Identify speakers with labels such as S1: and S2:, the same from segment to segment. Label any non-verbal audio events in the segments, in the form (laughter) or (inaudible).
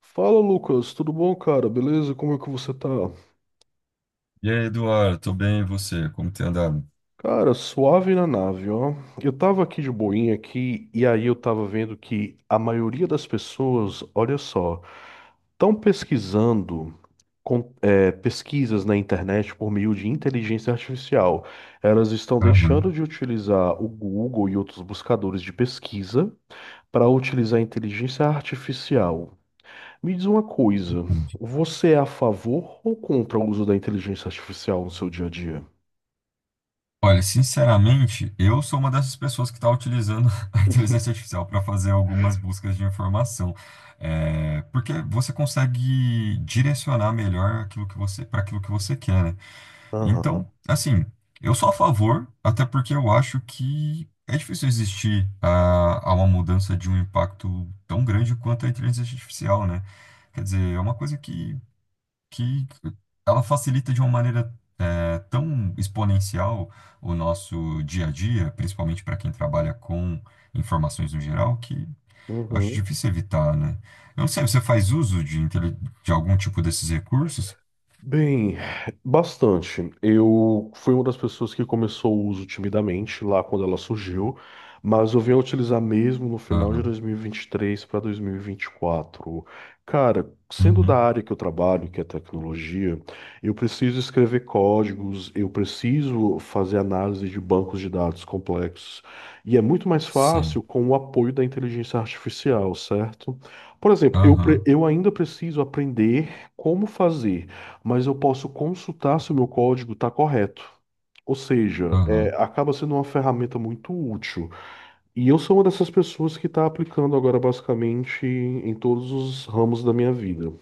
S1: Fala, Lucas, tudo bom, cara? Beleza? Como é que você tá?
S2: E aí, Eduardo, tô bem, e você? Como tem andado?
S1: Cara, suave na nave, ó. Eu tava aqui de boinha aqui e aí eu tava vendo que a maioria das pessoas, olha só, estão pesquisando pesquisas na internet por meio de inteligência artificial. Elas estão
S2: Aham,
S1: deixando de utilizar o Google e outros buscadores de pesquisa para utilizar a inteligência artificial. Me diz uma coisa,
S2: entendi.
S1: você é a favor ou contra o uso da inteligência artificial no seu dia a dia?
S2: Olha, sinceramente, eu sou uma dessas pessoas que está utilizando (laughs) a inteligência artificial para fazer algumas buscas de informação. É, porque você consegue direcionar melhor aquilo que você para aquilo que você quer, né? Então,
S1: Aham.
S2: assim, eu sou a favor, até porque eu acho que é difícil existir a uma mudança de um impacto tão grande quanto a inteligência artificial, né? Quer dizer, é uma coisa que ela facilita de uma maneira tão exponencial o nosso dia a dia, principalmente para quem trabalha com informações no geral, que eu acho
S1: Uhum.
S2: difícil evitar, né? Eu não sei, você faz uso de algum tipo desses recursos?
S1: Bem, bastante. Eu fui uma das pessoas que começou o uso timidamente lá quando ela surgiu, mas eu vim a utilizar mesmo no final de
S2: Aham.
S1: dois mil e vinte e três para dois mil e vinte e quatro. Cara, sendo da
S2: Uhum.
S1: área que eu trabalho, que é tecnologia, eu preciso escrever códigos, eu preciso fazer análise de bancos de dados complexos, e é muito mais
S2: Sei.
S1: fácil com o apoio da inteligência artificial, certo? Por exemplo,
S2: Aham.
S1: eu ainda preciso aprender como fazer, mas eu posso consultar se o meu código está correto. Ou seja,
S2: Aham.
S1: acaba sendo uma ferramenta muito útil. E eu sou uma dessas pessoas que está aplicando agora basicamente em todos os ramos da minha vida.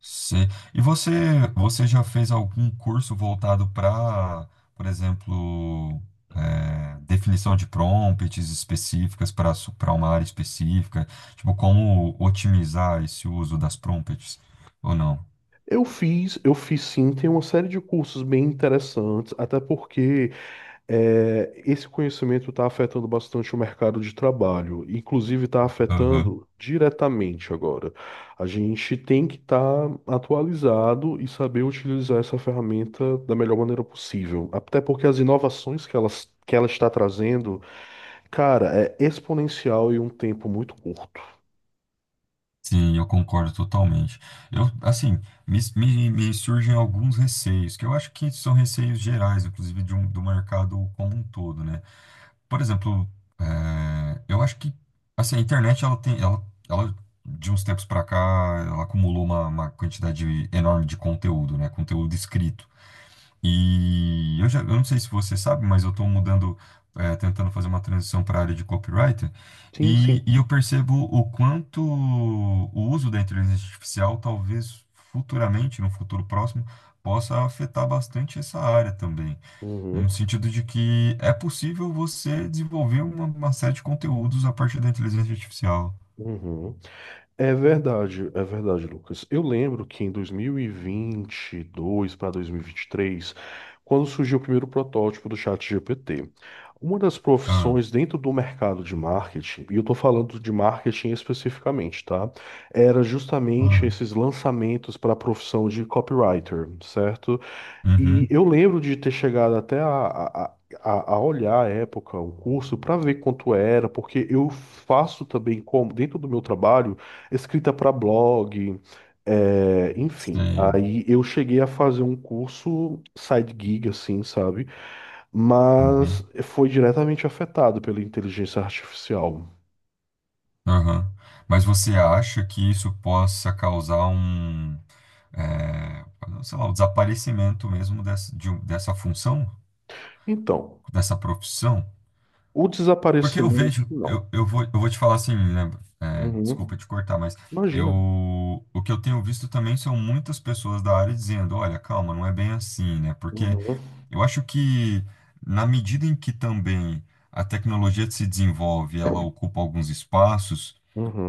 S2: Sim. E você já fez algum curso voltado para, por exemplo, definição de prompts específicas para uma área específica? Tipo, como otimizar esse uso das prompts? Ou não?
S1: Eu fiz sim, tem uma série de cursos bem interessantes, até porque esse conhecimento está afetando bastante o mercado de trabalho, inclusive está
S2: Aham.
S1: afetando diretamente agora. A gente tem que estar atualizado e saber utilizar essa ferramenta da melhor maneira possível, até porque as inovações que ela está trazendo, cara, é exponencial e um tempo muito curto.
S2: Sim, eu concordo totalmente. Eu, assim, me surgem alguns receios, que eu acho que são receios gerais, inclusive do mercado como um todo, né? Por exemplo, eu acho que assim, a internet ela tem, ela, de uns tempos para cá, ela acumulou uma quantidade enorme de conteúdo, né? Conteúdo escrito. E eu não sei se você sabe, mas eu estou mudando, tentando fazer uma transição para a área de copywriter,
S1: Sim, sim.
S2: e eu percebo o quanto o uso da inteligência artificial talvez futuramente, no futuro próximo, possa afetar bastante essa área também. No
S1: Uhum,
S2: sentido de que é possível você desenvolver uma série de conteúdos a partir da inteligência artificial.
S1: uhum. É verdade, Lucas. Eu lembro que em 2022 para 2023, quando surgiu o primeiro protótipo do ChatGPT, uma das
S2: Ah,
S1: profissões dentro do mercado de marketing, e eu estou falando de marketing especificamente, tá? Era justamente
S2: aham.
S1: esses lançamentos para a profissão de copywriter, certo? E
S2: Uhum.
S1: eu lembro de ter chegado até a olhar à época o curso para ver quanto era, porque eu faço também, como dentro do meu trabalho, escrita para blog, enfim.
S2: Sei.
S1: Aí eu cheguei a fazer um curso side gig, assim, sabe?
S2: Uhum.
S1: Mas foi diretamente afetado pela inteligência artificial.
S2: Aham. Mas você acha que isso possa causar é, sei lá, o desaparecimento mesmo dessa função,
S1: Então,
S2: dessa profissão?
S1: o
S2: Porque eu
S1: desaparecimento,
S2: vejo,
S1: não.
S2: eu vou te falar assim, né? Desculpa
S1: Uhum.
S2: te cortar, mas eu,
S1: Imagina.
S2: o que eu tenho visto também são muitas pessoas da área dizendo, olha, calma, não é bem assim, né? Porque
S1: Uhum.
S2: eu acho que na medida em que também a tecnologia se desenvolve, ela ocupa alguns espaços,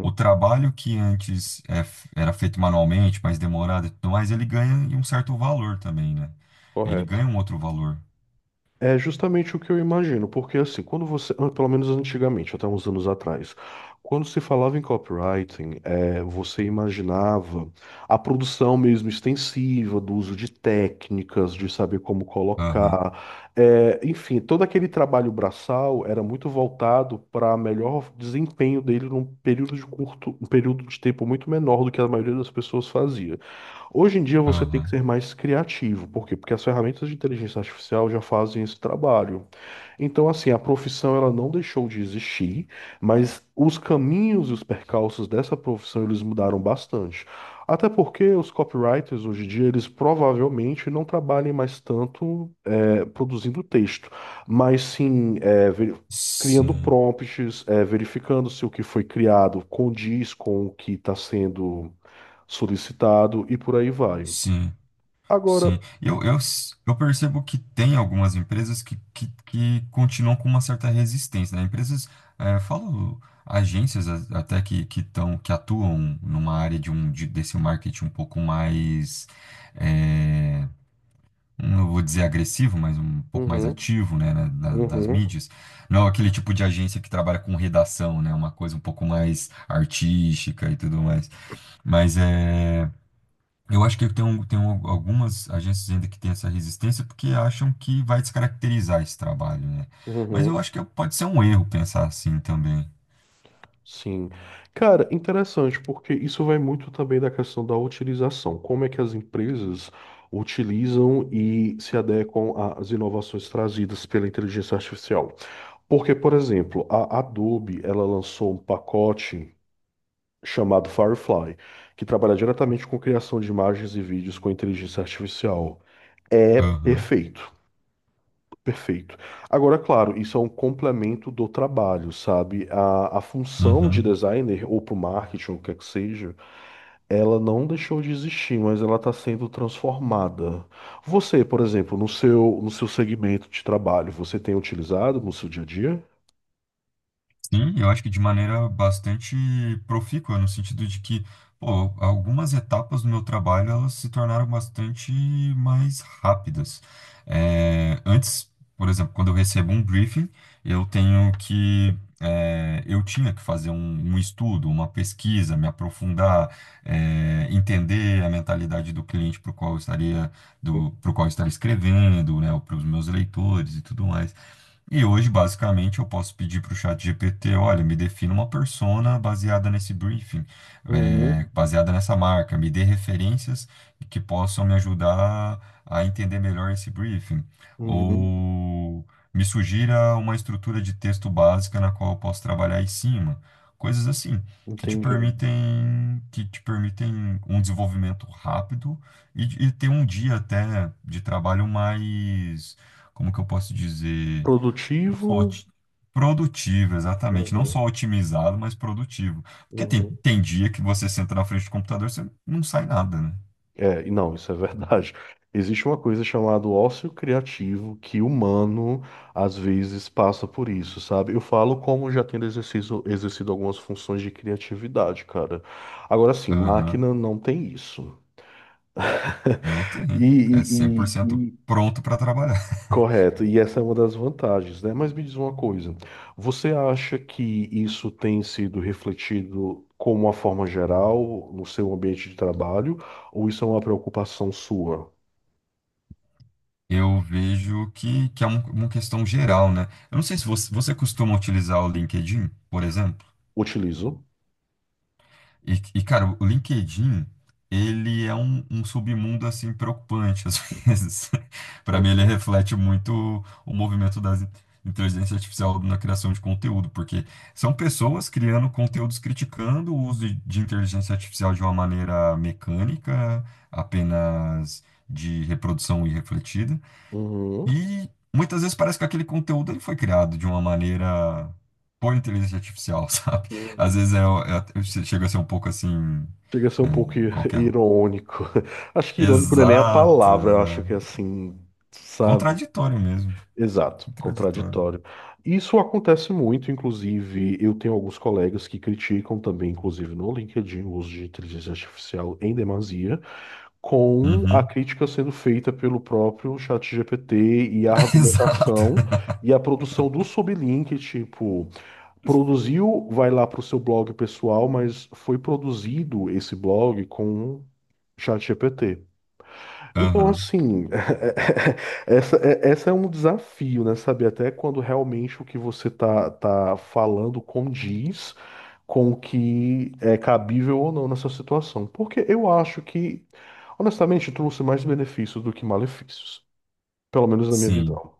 S2: o trabalho que antes era feito manualmente, mais demorado e tudo mais, ele ganha um certo valor também, né? Ele
S1: Correto.
S2: ganha um outro valor.
S1: É justamente o que eu imagino, porque assim, quando você, ah, pelo menos antigamente, até uns anos atrás, quando se falava em copywriting, você imaginava a produção mesmo extensiva, do uso de técnicas, de saber como
S2: Aham,
S1: colocar, enfim, todo aquele trabalho braçal era muito voltado para melhor desempenho dele num período de curto, um período de tempo muito menor do que a maioria das pessoas fazia. Hoje em dia você tem
S2: aham.
S1: que ser mais criativo, por quê? Porque as ferramentas de inteligência artificial já fazem esse trabalho. Então, assim, a profissão ela não deixou de existir, mas os caminhos e os percalços dessa profissão eles mudaram bastante. Até porque os copywriters hoje em dia eles provavelmente não trabalhem mais tanto produzindo texto, mas sim criando
S2: Sim,
S1: prompts, verificando se o que foi criado condiz com o que está sendo solicitado e por aí vai.
S2: sim.
S1: Agora,
S2: Sim, eu percebo que tem algumas empresas que continuam com uma certa resistência, né? Empresas, falo agências até que atuam numa área desse marketing um pouco mais, eh, não vou dizer agressivo, mas um pouco mais
S1: uhum,
S2: ativo, né, nas
S1: uhum,
S2: mídias. Não aquele tipo de agência que trabalha com redação, né? Uma coisa um pouco mais artística e tudo mais. Mas é. Eu acho que tem algumas agências ainda que têm essa resistência porque acham que vai descaracterizar esse trabalho, né? Mas eu
S1: uhum,
S2: acho que pode ser um erro pensar assim também.
S1: sim. Cara, interessante, porque isso vai muito também da questão da utilização. Como é que as empresas utilizam e se adequam às inovações trazidas pela inteligência artificial? Porque, por exemplo, a Adobe, ela lançou um pacote chamado Firefly, que trabalha diretamente com criação de imagens e vídeos com inteligência artificial. É
S2: Aham,
S1: perfeito, perfeito. Agora, claro, isso é um complemento do trabalho, sabe? A função de
S2: uhum.
S1: designer, ou para o marketing, ou o que é que seja, ela não deixou de existir, mas ela está sendo transformada. Você, por exemplo, no seu segmento de trabalho, você tem utilizado no seu dia a dia?
S2: Sim, eu acho que de maneira bastante profícua, no sentido de que, pô, algumas etapas do meu trabalho elas se tornaram bastante mais rápidas. É, antes, por exemplo, quando eu recebo um briefing, eu tinha que fazer um estudo, uma pesquisa, me aprofundar, entender a mentalidade do cliente para o qual eu estaria, para qual eu estaria escrevendo, né, para os meus leitores e tudo mais. E hoje, basicamente, eu posso pedir para o chat GPT, olha, me defina uma persona baseada nesse briefing,
S1: Uhum,
S2: baseada nessa marca, me dê referências que possam me ajudar a entender melhor esse briefing.
S1: uhum.
S2: Ou me sugira uma estrutura de texto básica na qual eu posso trabalhar em cima. Coisas assim, que te
S1: Entendido.
S2: permitem, que te permitem um desenvolvimento rápido e ter um dia até de trabalho mais, como que eu posso dizer? Não só
S1: Produtivo.
S2: oti- Produtivo, exatamente. Não
S1: Uhum,
S2: só otimizado, mas produtivo. Porque tem,
S1: uhum.
S2: tem dia que você senta na frente do computador, você não sai nada, né?
S1: É, e não, isso é verdade. (laughs) Existe uma coisa chamada ócio criativo que o humano às vezes passa por isso, sabe? Eu falo como já tendo exercido, exercido algumas funções de criatividade, cara. Agora sim,
S2: Aham.
S1: máquina não tem isso.
S2: Não tem.
S1: (laughs)
S2: É cem por
S1: E,
S2: cento
S1: e,
S2: pronto para trabalhar.
S1: Correto, e essa é uma das vantagens, né? Mas me diz uma coisa, você acha que isso tem sido refletido como uma forma geral no seu ambiente de trabalho, ou isso é uma preocupação sua?
S2: (laughs) Eu vejo que é uma questão geral, né? Eu não sei se você costuma utilizar o LinkedIn, por exemplo.
S1: Utilizo.
S2: E, cara, o LinkedIn, ele é um submundo, assim, preocupante, às (laughs) vezes. Para mim, ele
S1: Uhum.
S2: reflete muito o movimento das inteligência artificial na criação de conteúdo, porque são pessoas criando conteúdos criticando o uso de inteligência artificial de uma maneira mecânica, apenas de reprodução irrefletida,
S1: Uhum.
S2: e muitas vezes parece que aquele conteúdo ele foi criado de uma maneira por inteligência artificial, (laughs) sabe? Às
S1: Uhum.
S2: vezes chega a ser um pouco assim,
S1: Chega a ser um pouco (laughs)
S2: qualquer.
S1: irônico. (laughs) Acho que irônico não é nem a
S2: Exato,
S1: palavra, eu acho
S2: exato.
S1: que é assim, sabe?
S2: Contraditório mesmo.
S1: Exato,
S2: Contraditório.
S1: contraditório. Isso acontece muito, inclusive, eu tenho alguns colegas que criticam também, inclusive no LinkedIn, o uso de inteligência artificial em demasia, com a
S2: Uhum.
S1: crítica sendo feita pelo próprio ChatGPT e a
S2: (laughs) Exato.
S1: argumentação e a produção do sublink, tipo, produziu, vai lá para o seu blog pessoal, mas foi produzido esse blog com ChatGPT. Então,
S2: Aham.
S1: assim. (laughs) Essa é um desafio, né? Saber até quando realmente o que você tá falando condiz com o que é cabível ou não nessa situação. Porque eu acho que, honestamente, trouxe mais benefícios do que malefícios. Pelo menos na minha
S2: Sim.
S1: visão.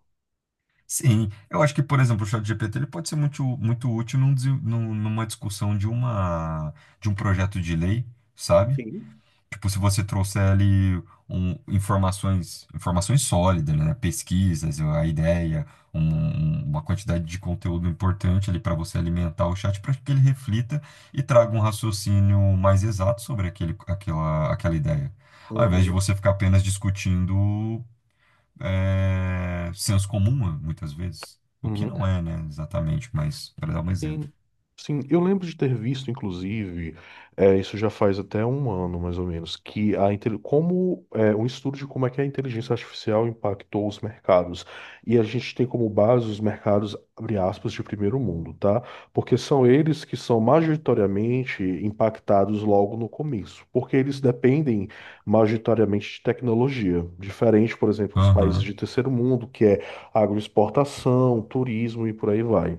S2: Sim. Eu acho que, por exemplo, o ChatGPT ele pode ser muito, muito útil numa discussão de um projeto de lei, sabe?
S1: Sim.
S2: Tipo, se você trouxer ali informações sólidas, né? Pesquisas, a ideia, uma quantidade de conteúdo importante ali para você alimentar o chat para que ele reflita e traga um raciocínio mais exato sobre aquela ideia. Ao invés de
S1: Uhum,
S2: você ficar apenas discutindo senso comum, muitas vezes. O que
S1: uhum.
S2: não é, né? Exatamente, mas para dar um exemplo.
S1: Sim, sim, eu lembro de ter visto, inclusive, isso já faz até um ano, mais ou menos, que a, intel- como é, um estudo de como é que a inteligência artificial impactou os mercados. E a gente tem como base os mercados, abre aspas, de primeiro mundo, tá? Porque são eles que são majoritariamente impactados logo no começo, porque eles dependem majoritariamente de tecnologia, diferente, por exemplo, dos
S2: Aham,
S1: países de terceiro mundo, que é agroexportação, turismo e por aí vai.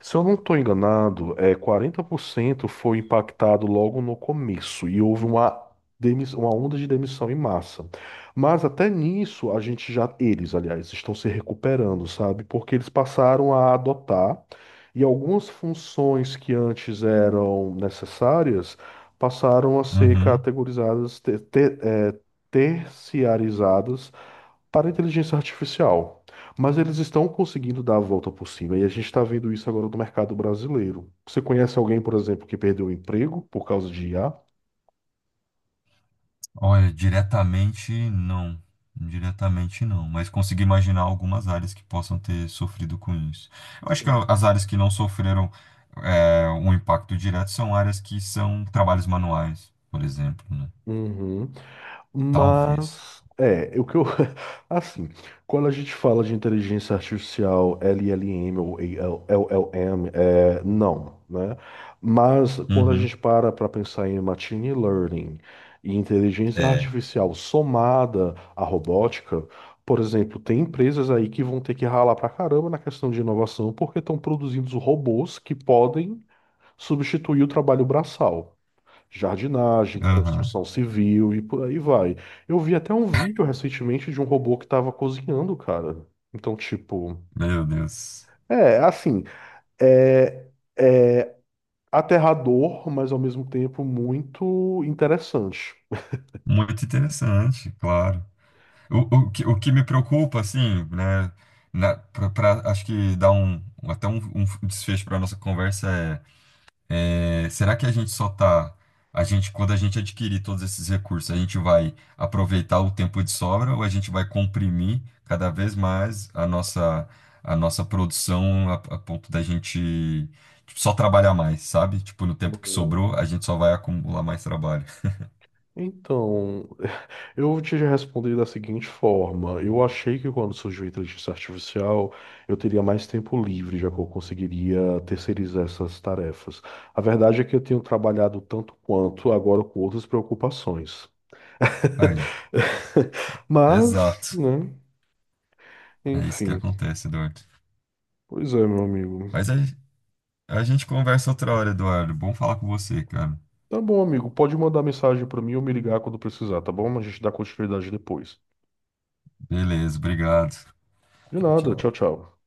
S1: Se eu não estou enganado, 40% foi impactado logo no começo e houve uma onda de demissão em massa. Mas até nisso, a gente já, eles, aliás, estão se recuperando, sabe? Porque eles passaram a adotar e algumas funções que antes eram necessárias passaram a ser
S2: uhum.
S1: categorizadas, terciarizadas para a inteligência artificial. Mas eles estão conseguindo dar a volta por cima e a gente está vendo isso agora no mercado brasileiro. Você conhece alguém, por exemplo, que perdeu o emprego por causa de IA?
S2: Olha, diretamente não. Diretamente não, mas consigo imaginar algumas áreas que possam ter sofrido com isso. Eu acho que
S1: Sim.
S2: as áreas que não sofreram um impacto direto são áreas que são trabalhos manuais, por exemplo, né?
S1: Uhum.
S2: Talvez.
S1: Mas o que eu (laughs) assim, quando a gente fala de inteligência artificial, LLM ou AL LLM, não, né? Mas quando a
S2: Uhum.
S1: gente para para pensar em machine learning e inteligência
S2: É.
S1: artificial somada à robótica, por exemplo, tem empresas aí que vão ter que ralar pra caramba na questão de inovação porque estão produzindo robôs que podem substituir o trabalho braçal, jardinagem,
S2: Aham.
S1: construção civil e por aí vai. Eu vi até um vídeo recentemente de um robô que estava cozinhando, cara. Então, tipo,
S2: Meu Deus.
S1: é assim, é, é aterrador, mas ao mesmo tempo muito interessante.
S2: Muito interessante, claro. O que me preocupa, assim, né? Acho que dá até um desfecho para nossa conversa. É, É, será que a gente só tá, quando a gente adquirir todos esses recursos, a gente vai aproveitar o tempo de sobra ou a gente vai comprimir cada vez mais a nossa produção a ponto da gente tipo, só trabalhar mais, sabe? Tipo, no tempo que
S1: Uhum.
S2: sobrou, a gente só vai acumular mais trabalho.
S1: Então, (laughs) eu te respondi da seguinte forma: eu achei que quando surgiu a inteligência artificial, eu teria mais tempo livre, já que eu conseguiria terceirizar essas tarefas. A verdade é que eu tenho trabalhado tanto quanto agora com outras preocupações.
S2: Aí,
S1: (laughs) Mas,
S2: exato.
S1: né?
S2: É isso que
S1: Enfim.
S2: acontece, Eduardo.
S1: Pois é, meu amigo.
S2: Mas aí, a gente conversa outra hora, Eduardo. Bom falar com você, cara.
S1: Tá bom, amigo. Pode mandar mensagem pra mim ou me ligar quando precisar, tá bom? A gente dá continuidade depois.
S2: Beleza, obrigado.
S1: De
S2: Tchau,
S1: nada. Tchau,
S2: tchau.
S1: tchau.